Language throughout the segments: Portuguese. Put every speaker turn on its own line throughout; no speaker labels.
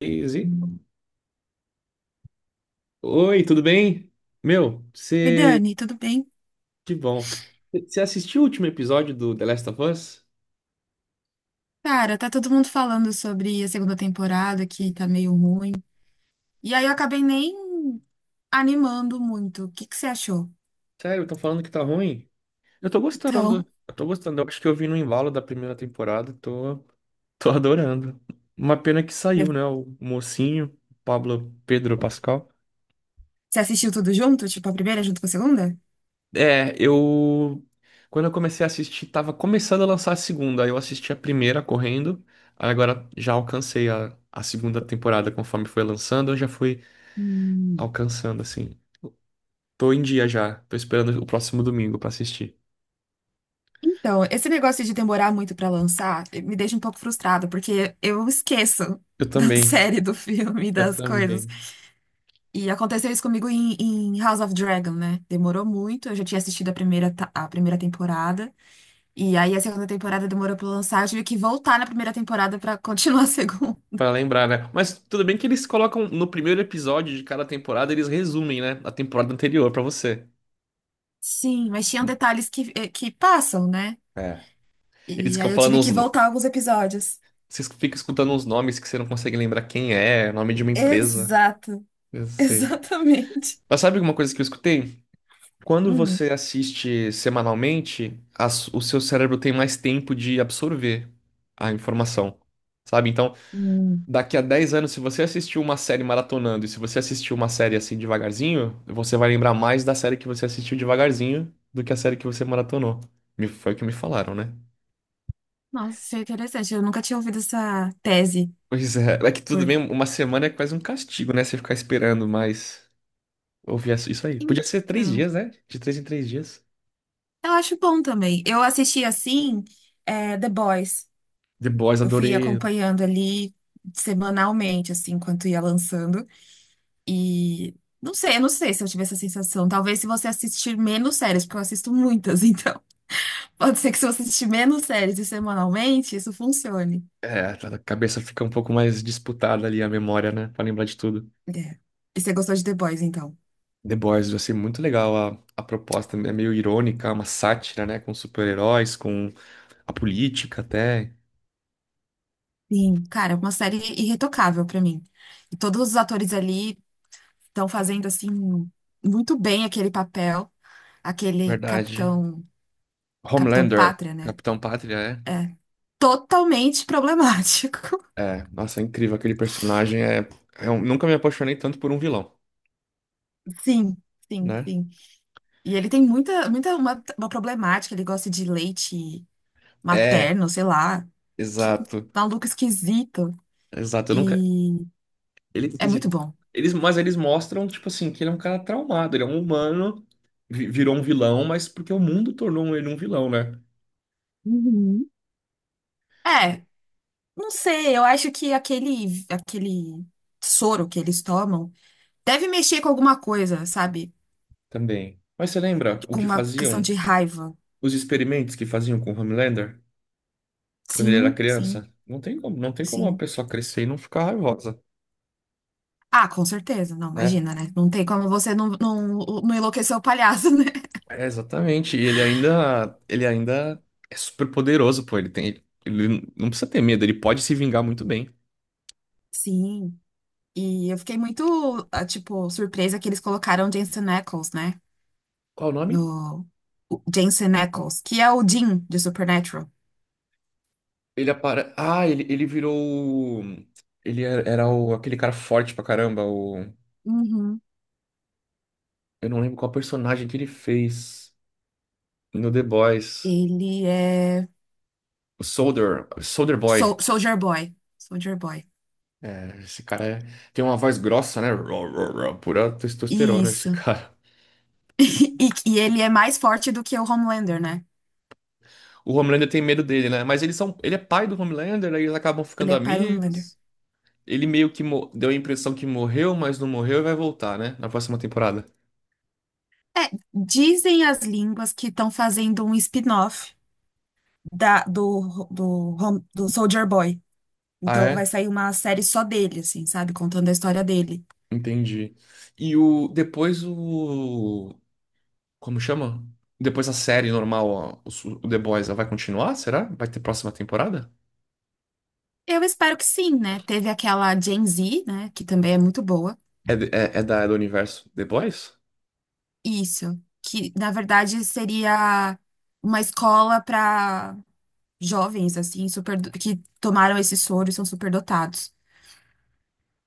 Easy. Oi, tudo bem? Meu,
Oi,
você.
Dani, tudo bem?
Que bom. Você assistiu o último episódio do The Last of Us?
Cara, tá todo mundo falando sobre a segunda temporada que tá meio ruim. E aí eu acabei nem animando muito. O que que você achou?
Sério, estão falando que tá ruim? Eu tô gostando.
Então,
Eu tô gostando. Eu acho que eu vi no embalo da primeira temporada. Tô, tô adorando. Uma pena que saiu,
você
né? O mocinho, Pablo Pedro Pascal.
assistiu tudo junto? Tipo, a primeira junto com a segunda?
É, eu. Quando eu comecei a assistir, tava começando a lançar a segunda. Aí eu assisti a primeira correndo. Aí agora já alcancei a segunda temporada conforme foi lançando. Eu já fui
Hum,
alcançando, assim. Tô em dia já, tô esperando o próximo domingo pra assistir.
Então, esse negócio de demorar muito pra lançar me deixa um pouco frustrada, porque eu esqueço
Eu
da
também,
série, do filme,
eu
das coisas.
também.
E aconteceu isso comigo em House of Dragon, né? Demorou muito, eu já tinha assistido a primeira, a primeira temporada. E aí a segunda temporada demorou pra lançar, eu tive que voltar na primeira temporada pra continuar a segunda.
Pra lembrar, né? Mas tudo bem que eles colocam no primeiro episódio de cada temporada, eles resumem, né? A temporada anterior pra você.
Sim, mas tinham detalhes que passam, né?
É. Eles
E
ficam
aí eu
falando
tive que
uns. No-
voltar alguns episódios.
Você fica escutando uns nomes que você não consegue lembrar quem é, nome de uma empresa.
Exato,
Eu sei.
exatamente.
Mas sabe alguma coisa que eu escutei? Quando
Hum,
você assiste semanalmente, a o seu cérebro tem mais tempo de absorver a informação. Sabe? Então,
hum.
daqui a 10 anos, se você assistiu uma série maratonando e se você assistiu uma série assim devagarzinho, você vai lembrar mais da série que você assistiu devagarzinho do que a série que você maratonou. Foi o que me falaram, né?
Nossa, isso é interessante. Eu nunca tinha ouvido essa tese.
Pois é, é que tudo
Por...
bem, uma semana é quase um castigo, né? Você ficar esperando, mas ouvir isso aí. Podia ser três
Então,
dias, né? De 3 em 3 dias.
eu acho bom também. Eu assisti assim, The Boys.
The Boys,
Eu fui
adorei.
acompanhando ali semanalmente, assim, enquanto ia lançando. E eu não sei se eu tive essa sensação. Talvez se você assistir menos séries, porque eu assisto muitas, então pode ser que se você assistir menos séries e semanalmente, isso funcione.
É, a cabeça fica um pouco mais disputada ali, a memória, né? Pra lembrar de tudo.
É. E você gostou de The Boys, então?
The Boys, eu achei muito legal a proposta, é meio irônica, uma sátira, né? Com super-heróis, com a política até.
Sim. Cara, é uma série irretocável pra mim. E todos os atores ali estão fazendo assim muito bem aquele papel, aquele
Verdade.
capitão, Capitão
Homelander,
Pátria, né?
Capitão Pátria,
É totalmente problemático.
é. É, nossa, é incrível aquele personagem. É, eu nunca me apaixonei tanto por um vilão,
Sim, sim,
né?
sim. E ele tem muita uma problemática, ele gosta de leite
É,
materno, sei lá, que
exato.
maluco esquisito.
Exato, eu nunca.
E
Ele, quer
é muito
dizer,
bom.
eles, mas eles mostram, tipo assim, que ele é um cara traumado, ele é um humano, virou um vilão, mas porque o mundo tornou ele um vilão, né?
Uhum. É, não sei, eu acho que aquele soro que eles tomam deve mexer com alguma coisa, sabe?
Também. Mas você lembra o
Com
que
uma questão
faziam,
de raiva.
os experimentos que faziam com o Homelander quando ele era
Sim, sim,
criança? Não tem como, não tem como uma
sim.
pessoa crescer e não ficar raivosa,
Ah, com certeza, não,
né?
imagina, né? Não tem como você não enlouquecer o palhaço, né?
É, exatamente. E ele ainda é super poderoso, pô. Ele tem, ele não precisa ter medo, ele pode se vingar muito bem.
Sim. E eu fiquei muito, ah, tipo, surpresa que eles colocaram Jensen Ackles, né?
Qual o nome?
No o Jensen Ackles, que é o Dean de Supernatural.
Ele apare... Ah, ele virou. o- Ele era, era o, aquele cara forte pra caramba. O...
Uhum.
Eu não lembro qual personagem que ele fez no The Boys.
Ele é
O Soldier Boy.
Soldier Boy. Soldier Boy.
É, tem uma voz grossa, né? Ró, ró, ró, Pura testosterona, esse
Isso.
cara.
E, e ele é mais forte do que o Homelander, né?
O Homelander tem medo dele, né? Mas eles são, ele é pai do Homelander, aí eles acabam
Ele
ficando
é pai do Homelander.
amigos. Ele meio que deu a impressão que morreu, mas não morreu e vai voltar, né? Na próxima temporada.
É, dizem as línguas que estão fazendo um spin-off da, do, do, Hom- do Soldier Boy.
Ah,
Então vai
é?
sair uma série só dele, assim, sabe? Contando a história dele.
Entendi. E o depois o como chama? Depois a série normal, ó, o The Boys, ela vai continuar, será? Vai ter próxima temporada?
Eu espero que sim, né? Teve aquela Gen Z, né? Que também é muito boa.
É, é, é da é do universo The Boys?
Isso. Que, na verdade, seria uma escola para jovens, assim, super, que tomaram esse soro e são superdotados.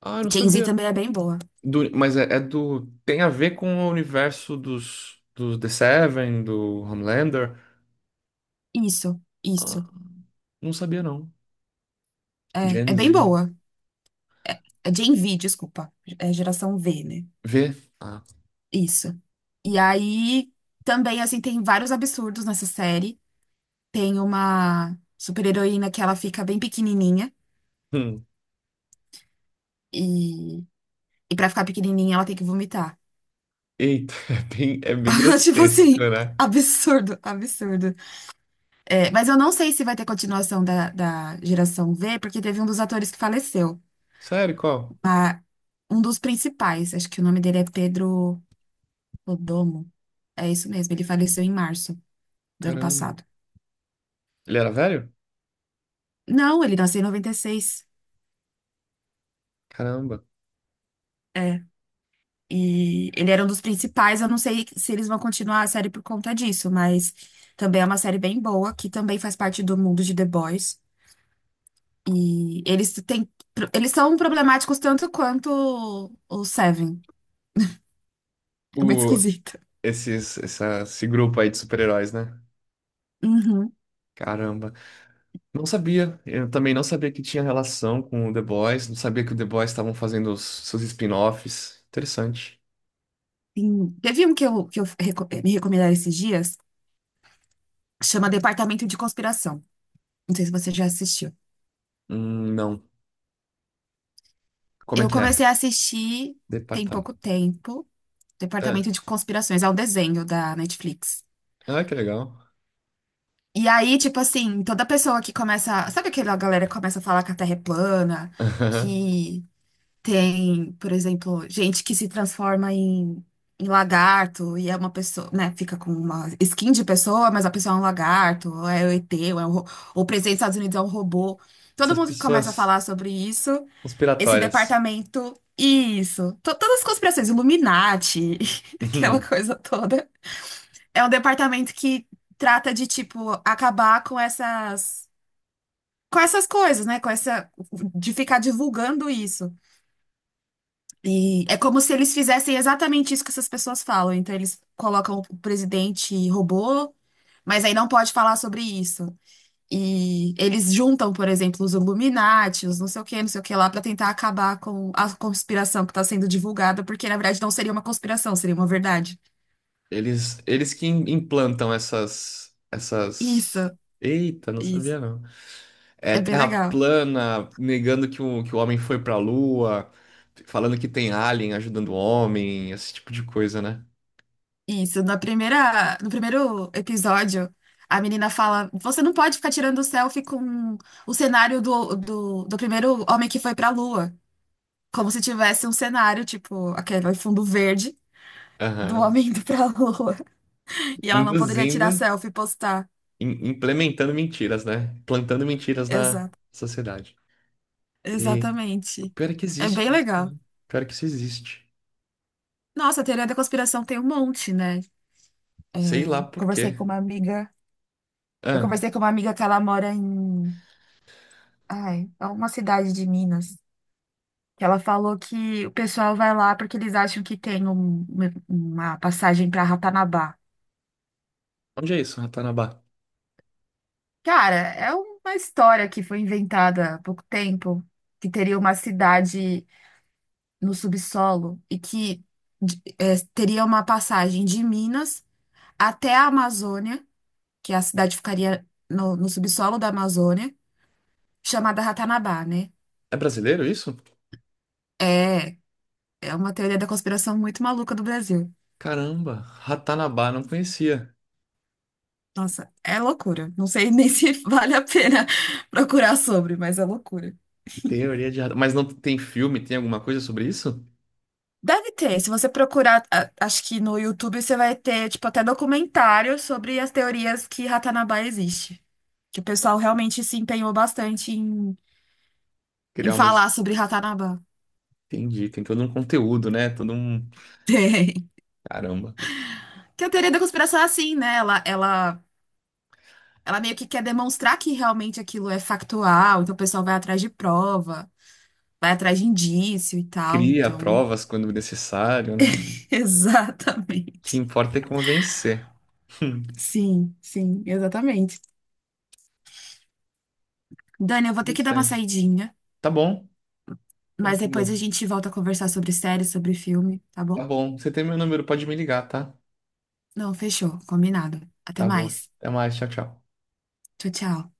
Ah, eu não
Gen Z
sabia.
também é bem boa.
Mas é, é do tem a ver com o universo dos The Seven, do Homelander.
Isso,
Ah,
isso.
não sabia não.
É
Gen
bem
Z.
boa. É Gen V, desculpa. É geração V, né?
V. Ah.
Isso. E aí, também, assim, tem vários absurdos nessa série. Tem uma super-heroína que ela fica bem pequenininha. e E pra ficar pequenininha, ela tem que vomitar.
Eita, é bem
Tipo
grotesco,
assim,
né?
absurdo, absurdo. É, mas eu não sei se vai ter continuação da geração V, porque teve um dos atores que faleceu.
Sério, qual?
a- Um dos principais, acho que o nome dele é Pedro Rodomo. É isso mesmo, ele faleceu em março do ano
Caramba.
passado.
Ele era velho?
Não, ele nasceu em 96.
Caramba.
É. E ele era um dos principais. Eu não sei se eles vão continuar a série por conta disso, mas também é uma série bem boa, que também faz parte do mundo de The Boys. E eles têm, eles são problemáticos tanto quanto o Seven. É muito
O,
esquisito.
esses, essa, esse grupo aí de super-heróis, né?
Uhum.
Caramba. Não sabia. Eu também não sabia que tinha relação com o The Boys. Não sabia que o The Boys estavam fazendo os, seus spin-offs. Interessante.
Sim. Teve um que me recomendaram esses dias, chama Departamento de Conspiração. Não sei se você já assistiu.
Não. Como é
Eu
que é?
comecei a assistir tem pouco
Departamento.
tempo,
É.
Departamento de Conspirações, é um desenho da Netflix.
Ah, que legal.
E aí, tipo assim, toda pessoa que começa. Sabe aquela galera que começa a falar que a Terra é plana, que tem, por exemplo, gente que se transforma em lagarto e é uma pessoa, né? Fica com uma skin de pessoa, mas a pessoa é um lagarto, ou é o ET, ou, é um, ro- ou o presidente dos Estados Unidos é um robô. Todo
Essas
mundo que começa a
pessoas
falar sobre isso, esse
conspiratórias.
departamento, isso. Todas as conspirações, Illuminati, aquela coisa toda. É um departamento que trata de, tipo, acabar com essas. Com essas coisas, né? Com essa. De ficar divulgando isso. E é como se eles fizessem exatamente isso que essas pessoas falam. Então, eles colocam o presidente robô, mas aí não pode falar sobre isso. E eles juntam, por exemplo, os Illuminati, os não sei o que, não sei o que lá, para tentar acabar com a conspiração que está sendo divulgada, porque na verdade não seria uma conspiração, seria uma verdade.
Eles que implantam essas, essas.
Isso,
Eita, não
isso.
sabia não. É
É bem
terra
legal.
plana, negando que o homem foi pra lua, falando que tem alien ajudando o homem, esse tipo de coisa, né?
Isso. No primeiro episódio, a menina fala: Você não pode ficar tirando selfie com o cenário do primeiro homem que foi para a Lua. Como se tivesse um cenário, tipo, aquele fundo verde do
Aham.
homem indo pra lua. E ela não poderia
Induzindo,
tirar selfie e postar.
implementando mentiras, né? Plantando mentiras na
Exato.
sociedade. E o
Exatamente.
pior é que
É
existe
bem
isso, né?
legal.
O pior é que isso existe.
Nossa, a teoria da conspiração tem um monte, né?
Sei lá por
Conversei
quê.
com uma amiga. Eu
Ah,
conversei com uma amiga que ela mora em. Ai, é uma cidade de Minas. Que ela falou que o pessoal vai lá porque eles acham que tem uma passagem para Ratanabá.
onde é isso, Ratanabá?
Cara, é uma história que foi inventada há pouco tempo, que teria uma cidade no subsolo e que teria uma passagem de Minas até a Amazônia, que a cidade ficaria no subsolo da Amazônia, chamada Ratanabá, né?
É brasileiro isso?
É, é uma teoria da conspiração muito maluca do Brasil.
Caramba, Ratanabá, não conhecia.
Nossa, é loucura. Não sei nem se vale a pena procurar sobre, mas é loucura.
Teoria de radar. Mas não tem filme, tem alguma coisa sobre isso?
Deve ter. Se você procurar, acho que no YouTube você vai ter, tipo, até documentário sobre as teorias que Ratanabá existe. Que o pessoal realmente se empenhou bastante em
Criar uma. his-
falar sobre Ratanabá.
Entendi, tem todo um conteúdo, né? Todo um.
Tem.
Caramba.
Que a teoria da conspiração é assim, né? Ela meio que quer demonstrar que realmente aquilo é factual, então o pessoal vai atrás de prova, vai atrás de indício e tal.
Cria
Então,
provas quando necessário, né? O que
exatamente.
importa é convencer.
Sim, sim, exatamente. Dani, eu vou ter que dar uma
Interessante.
saidinha,
Tá bom,
mas
tranquilo.
depois a gente volta a conversar sobre série, sobre filme, tá
Tá
bom?
bom. Você tem meu número, pode me ligar, tá?
Não, fechou, combinado. Até
Tá bom.
mais.
Até mais, tchau, tchau.
Tchau, tchau.